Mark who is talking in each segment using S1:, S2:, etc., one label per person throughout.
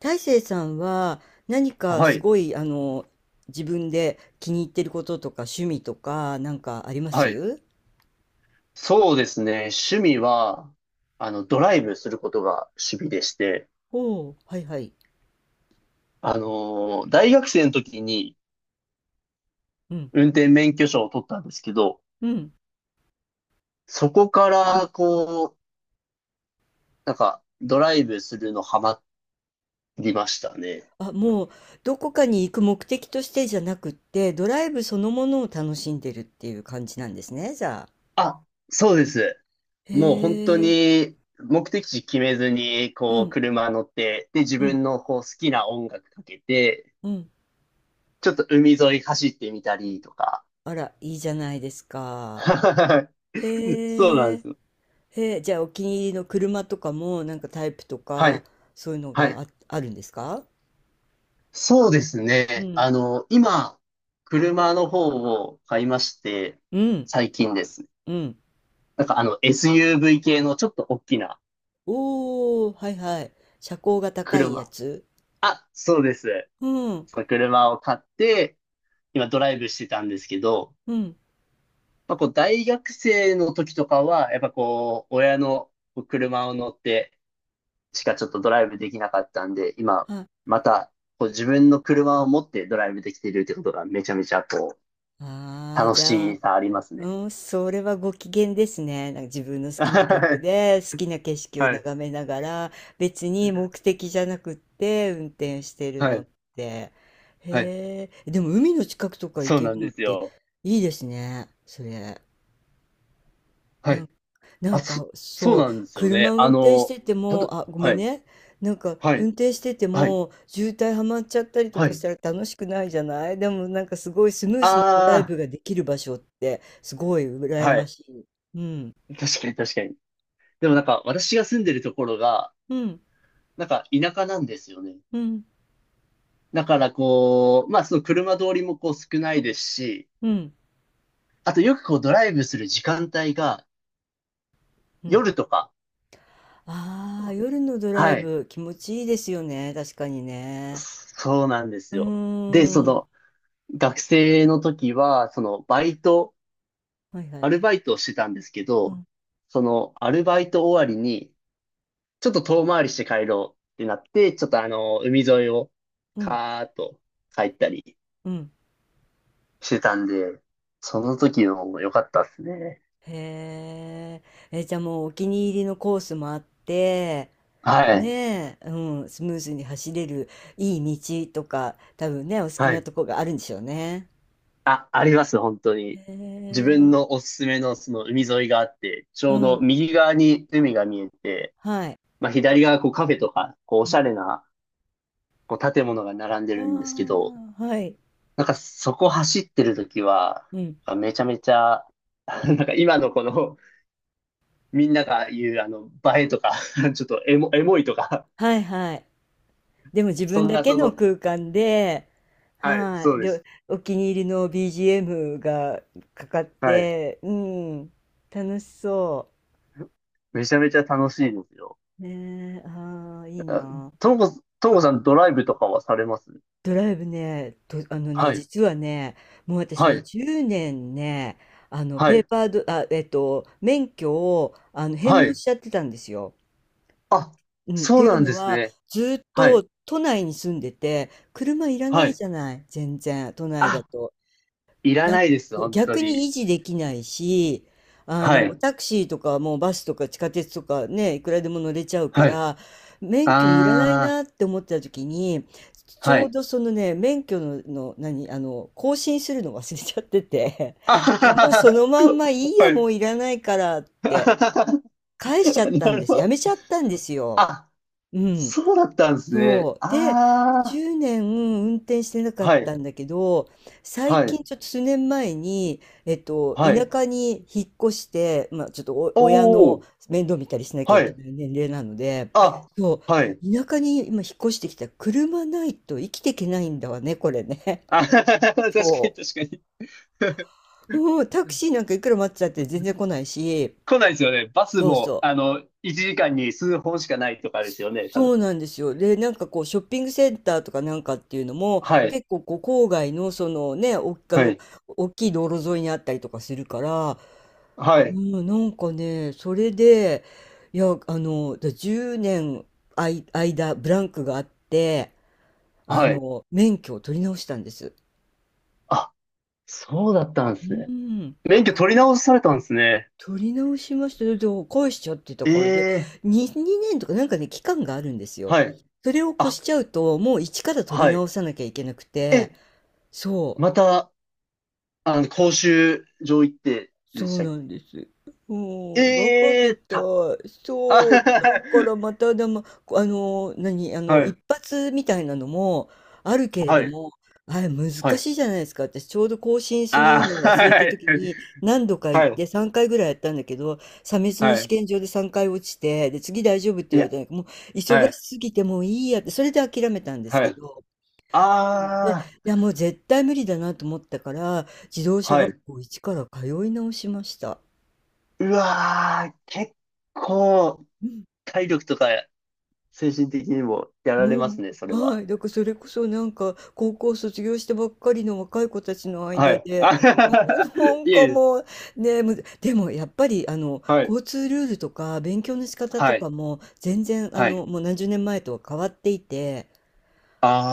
S1: 大成さんは何か
S2: は
S1: す
S2: い。
S1: ごい自分で気に入ってることとか趣味とかなんかありま
S2: はい。
S1: す？
S2: そうですね。趣味は、ドライブすることが趣味でして、
S1: おおー、はいはい。
S2: 大学生の時に
S1: うん。
S2: 運転免許証を取ったんですけど、
S1: うん。
S2: そこから、ドライブするのハマりましたね。
S1: あ、もうどこかに行く目的としてじゃなくって、ドライブそのものを楽しんでるっていう感じなんですね、じゃあ。
S2: あ、そうです。
S1: へ
S2: もう本当
S1: え。
S2: に、目的地決めずに、
S1: う
S2: こう、
S1: ん。
S2: 車乗って、で、自
S1: うん。
S2: 分のこう好きな音楽かけて、
S1: うん。
S2: ちょっと海沿い走ってみたりとか。
S1: あら、いいじゃないですか。
S2: そうな
S1: へ
S2: んで
S1: え。
S2: すよ。
S1: へえ。じゃあお気に入りの車とかもなんかタイプと
S2: は
S1: か、
S2: い
S1: そういうの
S2: は
S1: が
S2: い。
S1: あるんですか？
S2: そうです
S1: う
S2: ね。
S1: ん
S2: あの、今、車の方を買いまして、
S1: うん、
S2: 最近です。
S1: うん。
S2: SUV 系のちょっと大きな
S1: おお、はいはい。車高が高いや
S2: 車。
S1: つ。
S2: あ、そうです。
S1: うん、
S2: その車を買って、今ドライブしてたんですけど、
S1: うん。
S2: まあ、こう、大学生の時とかは、やっぱこう、親のこう車を乗ってしかちょっとドライブできなかったんで、今、
S1: は、
S2: また、こう、自分の車を持ってドライブできてるってことがめちゃめちゃ
S1: ああ、
S2: 楽
S1: じゃ
S2: し
S1: あ、
S2: さありますね。
S1: うん、それはご機嫌ですね。なんか自分の好
S2: は
S1: きな曲
S2: い。
S1: で、好きな景色を眺めながら、別に目的じゃなくって運転してる
S2: は
S1: のっ
S2: い。
S1: て。
S2: はい。
S1: へえ、でも海の近くとか行
S2: そう
S1: け
S2: な
S1: る
S2: ん
S1: の
S2: で
S1: っ
S2: す
S1: て
S2: よ。
S1: いいですね、それ。
S2: はい。
S1: なん
S2: あ、そ、
S1: か
S2: そう
S1: そ
S2: なんで
S1: う、
S2: すよ
S1: 車
S2: ね。
S1: 運
S2: あ
S1: 転し
S2: の、
S1: てても、あ、ごめ
S2: は
S1: ん
S2: い。
S1: ね。なんか
S2: は
S1: 運
S2: い。
S1: 転してて
S2: はい。
S1: も渋滞はまっちゃったりと
S2: は
S1: かし
S2: い。
S1: たら楽しくないじゃない。でもなんかすごいスムーズなドライ
S2: あ
S1: ブができる場所ってすごい
S2: あ、
S1: 羨
S2: は
S1: ま
S2: い。
S1: しい。うん、
S2: 確かに確かに。でもなんか、私が住んでるところが、
S1: うん、
S2: なんか田舎なんですよね。
S1: うん、
S2: だからこう、まあその車通りもこう少ないですし、
S1: うん、
S2: あとよくこうドライブする時間帯が
S1: うん、
S2: 夜とか、
S1: ああー、夜のドライ
S2: はい。
S1: ブ気持ちいいですよね、確かにね。
S2: そうなんで
S1: う
S2: す
S1: ー
S2: よ。で、そ
S1: ん、
S2: の、学生の時は、その、バイト
S1: はいは
S2: ア
S1: い。
S2: ルバイトをしてたんですけ
S1: う
S2: ど、
S1: ん、
S2: そのアルバイト終わりに、ちょっと遠回りして帰ろうってなって、ちょっとあの、海沿いを
S1: うん、
S2: カーッと帰ったり
S1: うん、
S2: してたんで、その時のも良かったですね。
S1: へーえ、じゃあもうお気に入りのコースもあって。
S2: はい。
S1: ねえ、うん、スムーズに走れるいい道とか、多分ね、お好き
S2: は
S1: な
S2: い。
S1: とこがあるんでしょうね。
S2: あ、あります、本当に。
S1: へ
S2: 自分
S1: え、
S2: のおすすめのその海沿いがあって、ち
S1: う
S2: ょうど
S1: ん、
S2: 右側に海が見えて、
S1: はい。
S2: まあ左側こうカフェとか、こうお
S1: う
S2: しゃ
S1: ん、
S2: れなこう建物が並んで
S1: あ
S2: るんですけど、
S1: あ、はい。
S2: なんかそこ走ってる時は、
S1: うん、
S2: なんかめちゃめちゃ、なんか今のこの、みんなが言うあの、映えとか、ちょっとエモいとか、
S1: はいはい。でも自
S2: そ
S1: 分
S2: ん
S1: だ
S2: な
S1: け
S2: そ
S1: の
S2: の、
S1: 空間で、
S2: はい、
S1: は
S2: そ
S1: い。
S2: うです。
S1: で、お気に入りの BGM がかかっ
S2: はい。
S1: て、うん、楽しそ
S2: めちゃめちゃ楽しいですよ。
S1: う。ねえ、ああ、いい
S2: あ
S1: な。
S2: ともこさんドライブとかはされます？
S1: ドライブね、と、あのね、
S2: はい、
S1: 実はね、もう私
S2: は
S1: ね、
S2: い、
S1: 10年ね、あの、
S2: は
S1: ペー
S2: い、
S1: パード、あ、えっと、免許を、返
S2: は
S1: 納
S2: い。
S1: しちゃってたんですよ。
S2: あ、
S1: うん、っ
S2: そ
S1: て
S2: う
S1: いう
S2: なん
S1: の
S2: です
S1: は、
S2: ね。
S1: ずっ
S2: は
S1: と
S2: い、
S1: 都内に住んでて、車いらな
S2: は
S1: い
S2: い。
S1: じゃない、全然、都内だ
S2: あ、
S1: と。
S2: いら
S1: や、
S2: ないです、
S1: そう、
S2: 本当
S1: 逆に
S2: に。
S1: 維持できないし、
S2: は
S1: もう
S2: い、
S1: タクシーとか、もうバスとか地下鉄とかね、いくらでも乗れちゃうか
S2: はい。
S1: ら、免許いらない
S2: あ
S1: なって思ってた時に、
S2: ー、
S1: ち
S2: は
S1: ょう
S2: い。
S1: どそのね、免許の、の何、あの、更新するの忘れちゃってて、
S2: あは
S1: で、
S2: は
S1: もうそ
S2: は
S1: のまんまいいや、も
S2: は。
S1: ういらないからっ て、
S2: な
S1: 返しちゃったん
S2: る
S1: で
S2: ほ
S1: す。やめち
S2: ど。
S1: ゃったんですよ。
S2: あ、
S1: うん。
S2: そうだったんですね。
S1: そう。で、
S2: あ
S1: 10年運転してなか
S2: あ、
S1: っ
S2: は
S1: た
S2: い、
S1: んだけど、最
S2: はい、
S1: 近、ちょっと数年前に、田
S2: はい。
S1: 舎に引っ越して、まあ、ちょっとお親
S2: お
S1: の
S2: お、
S1: 面倒見たりしなきゃ
S2: は
S1: いけ
S2: い。
S1: ない年齢なので、
S2: あ、
S1: そ
S2: はい。
S1: う、田舎に今引っ越してきたら車ないと生きていけないんだわね、これね。
S2: あ、確 かに
S1: そ
S2: 確かに。
S1: う。うん、タク シーなんかいくら待ってたって全然来ないし、
S2: 来ないですよね。バス
S1: そう
S2: も、
S1: そう。
S2: あの、1時間に数本しかないとかですよね、多
S1: そ
S2: 分。
S1: うなんですよ。で、なんかこう、ショッピングセンターとかなんかっていうのも、
S2: はい、
S1: 結構こう、郊外の、そのね、お、あ
S2: は
S1: の、
S2: い、
S1: 大きい道路沿いにあったりとかするから、
S2: は
S1: う
S2: い、
S1: ん、なんかね、それで、いや、あの、10年間、ブランクがあって、
S2: はい。
S1: 免許を取り直したんです。
S2: あ、そうだったんで
S1: う
S2: すね。
S1: ん。
S2: 免許取り直されたんですね。
S1: 取り直しました。で返しちゃってた
S2: え
S1: から、で、
S2: え、
S1: 2年とかなんかね、期間があるんですよ。
S2: はい。
S1: それを越し
S2: あ、
S1: ちゃうと、もう一から取り
S2: はい。
S1: 直さなきゃいけなく
S2: え、
S1: て、そう。
S2: また、あの、講習場行って
S1: そ
S2: でし
S1: う
S2: たっけ？
S1: なんです。
S2: え
S1: もう、ん、バカ
S2: え
S1: み
S2: ー、
S1: たい。
S2: あ
S1: そう、だからま たでも、あの、何、あの、
S2: はい、
S1: 一発みたいなのもあるけれ
S2: は
S1: ど
S2: い、
S1: も、あれ難
S2: は
S1: し
S2: い。
S1: いじゃないですか。私ちょうど更新す
S2: あ
S1: るのを
S2: ー、
S1: 忘れ
S2: は
S1: た
S2: い、
S1: 時に何度か行
S2: は
S1: っ
S2: い、
S1: て3回ぐらいやったんだけど、査別の
S2: は
S1: 試
S2: い。
S1: 験場で3回落ちて、で、次大丈夫って
S2: い
S1: 言われ
S2: や、
S1: たんだけど、もう
S2: は
S1: 忙し
S2: い、
S1: すぎてもういいやって、それで諦めたんです
S2: は
S1: け
S2: い。
S1: ど、うん、で、
S2: あ
S1: い
S2: ー、
S1: やもう絶対無理だなと思ったから、自動車
S2: は
S1: 学
S2: い。
S1: 校一から通い直しました。
S2: うわー、結構、
S1: うん、
S2: 体力とか精神的にもやられ
S1: も
S2: ます
S1: う、
S2: ね、それ
S1: は
S2: は。
S1: い、だからそれこそなんか、高校卒業したばっかりの若い子たちの
S2: は
S1: 間
S2: い。
S1: で、
S2: あ
S1: な ん
S2: いえ
S1: か
S2: いえ、
S1: もう、ね、でも、やっぱり
S2: はい、
S1: 交通ルールとか勉強の仕方と
S2: はい、
S1: かも全然
S2: はい。
S1: もう何十年前とは変わっていて、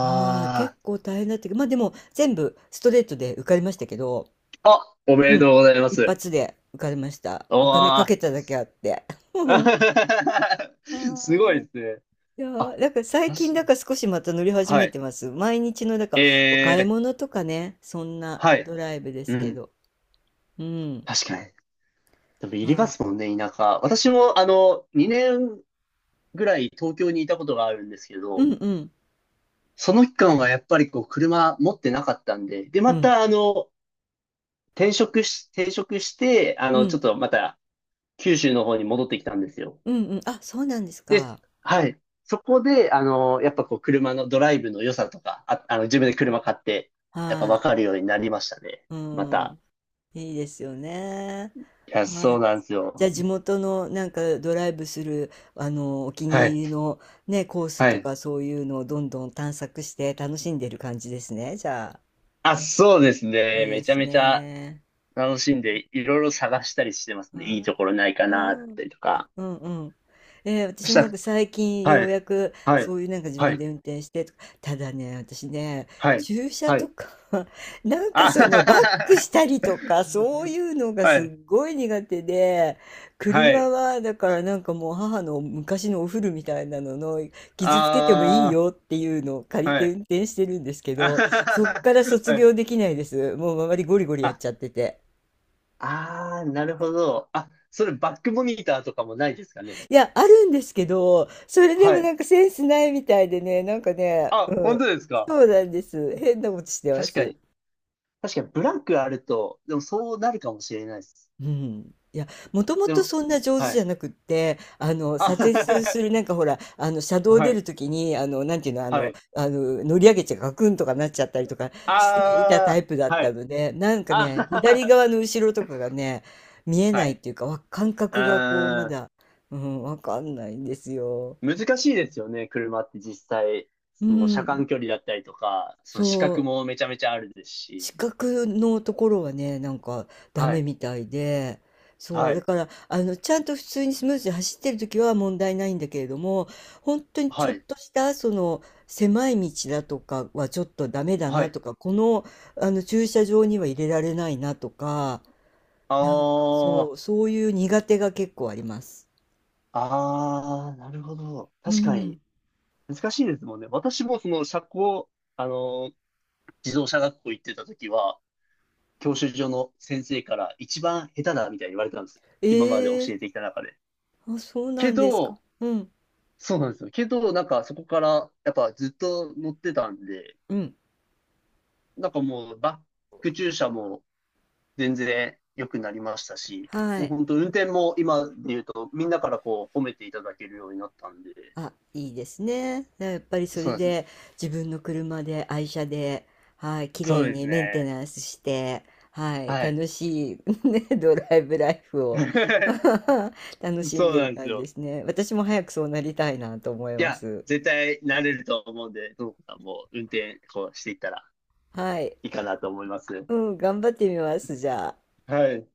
S1: あい、結構大変だったけど、ま、でも全部ストレートで受かりましたけど、
S2: ー、あ、おめ
S1: う
S2: で
S1: ん、
S2: とうございま
S1: 一
S2: す。
S1: 発で受かりました。
S2: お
S1: お金か
S2: ー。
S1: けただけあって。は
S2: すご
S1: ー
S2: い
S1: い。
S2: ですね。
S1: いや
S2: あ、
S1: ー、なんか最近
S2: 確
S1: だから少しまた乗り始
S2: かは
S1: め
S2: い。
S1: てます。毎日のなんか
S2: え
S1: お買い
S2: ー、
S1: 物とかね、そんな
S2: は
S1: ド
S2: い。
S1: ライブで
S2: う
S1: すけ
S2: ん。
S1: ど。うん。
S2: 確かに。でも、いりま
S1: は
S2: すもんね、田舎。私も、あの、2年ぐらい東京にいたことがあるんですけ
S1: い。う
S2: ど、
S1: ん、うん、
S2: その期間はやっぱりこう、車持ってなかったんで、で、
S1: う
S2: ま
S1: ん、
S2: た、あの、転職して、あ
S1: う
S2: の、ちょ
S1: ん、
S2: っとまた、九州の方に戻ってきたんですよ。
S1: うん、うん。あ、そうなんです
S2: で
S1: か。
S2: す。はい。そこで、あの、やっぱこう、車のドライブの良さとか、あ、あの、自分で車買って、やっぱ
S1: は
S2: 分
S1: い。
S2: かるようになりましたね。
S1: う
S2: また。
S1: ん。いいですよね。
S2: いや、
S1: は
S2: そう
S1: い。
S2: なんです
S1: じゃ
S2: よ。
S1: あ地元のなんかドライブするお気
S2: は
S1: に入
S2: い。
S1: りのね、コース
S2: は
S1: と
S2: い。
S1: か、そういうのをどんどん探索して楽しんでる感じですね。じゃあ
S2: あ、そうです
S1: いい
S2: ね。
S1: で
S2: めちゃ
S1: す
S2: めちゃ
S1: ね。
S2: 楽しんで、いろいろ探したりしてますね。
S1: は
S2: いい
S1: い。
S2: ところないか
S1: う
S2: な、だっ
S1: ん、
S2: たりとか。
S1: うん、うん。
S2: そ
S1: 私
S2: し
S1: も
S2: た
S1: なんか
S2: ら、
S1: 最近よ
S2: は
S1: う
S2: い。
S1: やく、
S2: はい。
S1: そういうなんか自
S2: は
S1: 分
S2: い。
S1: で運転してとか、ただね、私ね、
S2: はい。
S1: 駐車
S2: は
S1: と
S2: い。
S1: か なんか
S2: あ
S1: そ
S2: はは
S1: のバッ
S2: は
S1: クし
S2: は
S1: たりとか、そういうのが
S2: は
S1: す
S2: い。
S1: っごい苦手で、
S2: は
S1: 車
S2: い。
S1: はだからなんかもう、母の昔のお古みたいなのの、
S2: あ
S1: 傷つけてもいいよっていうのを借
S2: あ、
S1: り
S2: は
S1: て
S2: い。
S1: 運転してるんですけ
S2: あ
S1: ど、
S2: はは
S1: そっ
S2: は
S1: から
S2: は
S1: 卒
S2: はい。
S1: 業できないです。もう周りゴリゴリやっちゃってて。
S2: ああ、なるほど。あ、それバックモニターとかもないですかね？
S1: いや、あるんですけど、それで
S2: は
S1: も
S2: い。
S1: なんかセンスないみたいでね、なんかね、
S2: あ、
S1: う
S2: 本
S1: ん、
S2: 当ですか？
S1: そうなんです。変なことしてま
S2: 確か
S1: す。
S2: に。確かに、ブランクあると、でもそうなるかもしれないです。
S1: うん。いや、もとも
S2: で
S1: と
S2: も、
S1: そんな上手
S2: は
S1: じゃ
S2: い。
S1: なくって、左折
S2: あ、
S1: する、なん かほら、車道
S2: は
S1: 出る
S2: い。
S1: ときに、なんていうの、
S2: はい。
S1: 乗り上げちゃガクンとかなっちゃったりとかしていたタイ
S2: あ
S1: プだ
S2: あ、
S1: っ
S2: は
S1: た
S2: い。
S1: ので、なんかね、左
S2: あ
S1: 側の後ろとかがね、見え
S2: あ、
S1: な
S2: は
S1: いっ
S2: い。
S1: ていうか、感覚がこう、ま
S2: ああ、
S1: だ、うん、わかんないんですよ。
S2: 難しいですよね、車って実際。
S1: う
S2: その車
S1: ん、
S2: 間距離だったりとか、その視覚
S1: そう。
S2: もめちゃめちゃあるですし。
S1: 視覚のところはね、なんかダ
S2: は
S1: メ
S2: い。
S1: みたいで、そ
S2: は
S1: う、だ
S2: い。
S1: から、ちゃんと普通にスムーズに走ってる時は問題ないんだけれども、本当にち
S2: は
S1: ょっ
S2: い。
S1: とした、その、狭い道だとかはちょっとダメだ
S2: は
S1: な
S2: い。
S1: とか、この、駐車場には入れられないなとか、
S2: あ
S1: なんかそ
S2: あ、
S1: う、そういう苦手が結構あります。
S2: ああ、なるほど。
S1: う
S2: 確か
S1: ん。
S2: に、難しいですもんね。私もその社交、あの、自動車学校行ってた時は、教習所の先生から一番下手だみたいに言われたんですよ。
S1: え
S2: 今まで教
S1: え、
S2: えてきた中で。
S1: あ、そうな
S2: け
S1: んですか。
S2: ど、
S1: うん、
S2: そうなんですよ。けど、なんかそこから、やっぱずっと乗ってたんで、
S1: うん。
S2: なんかもうバック駐車も全然良くなりましたし、
S1: は
S2: もう
S1: い。
S2: 本当運転も今で言うと、みんなからこう褒めていただけるようになったんで、
S1: あ、いいですね。やっぱりそ
S2: そ
S1: れ
S2: うなんです。
S1: で自分の車で愛車で、はい、綺
S2: そう
S1: 麗
S2: で
S1: に
S2: す
S1: メンテ
S2: ね。
S1: ナンスして、はい、
S2: はい。
S1: 楽しい、ね、ドライブライフを 楽しん
S2: そう
S1: でる
S2: なんです
S1: 感じで
S2: よ。
S1: すね。私も早くそうなりたいなと思い
S2: い
S1: ま
S2: や、
S1: す。
S2: 絶対慣れると思うんで、ともこさんも運転こうしていったら
S1: はい、
S2: いいかなと思います。
S1: うん、頑張ってみます、じゃあ。
S2: はい。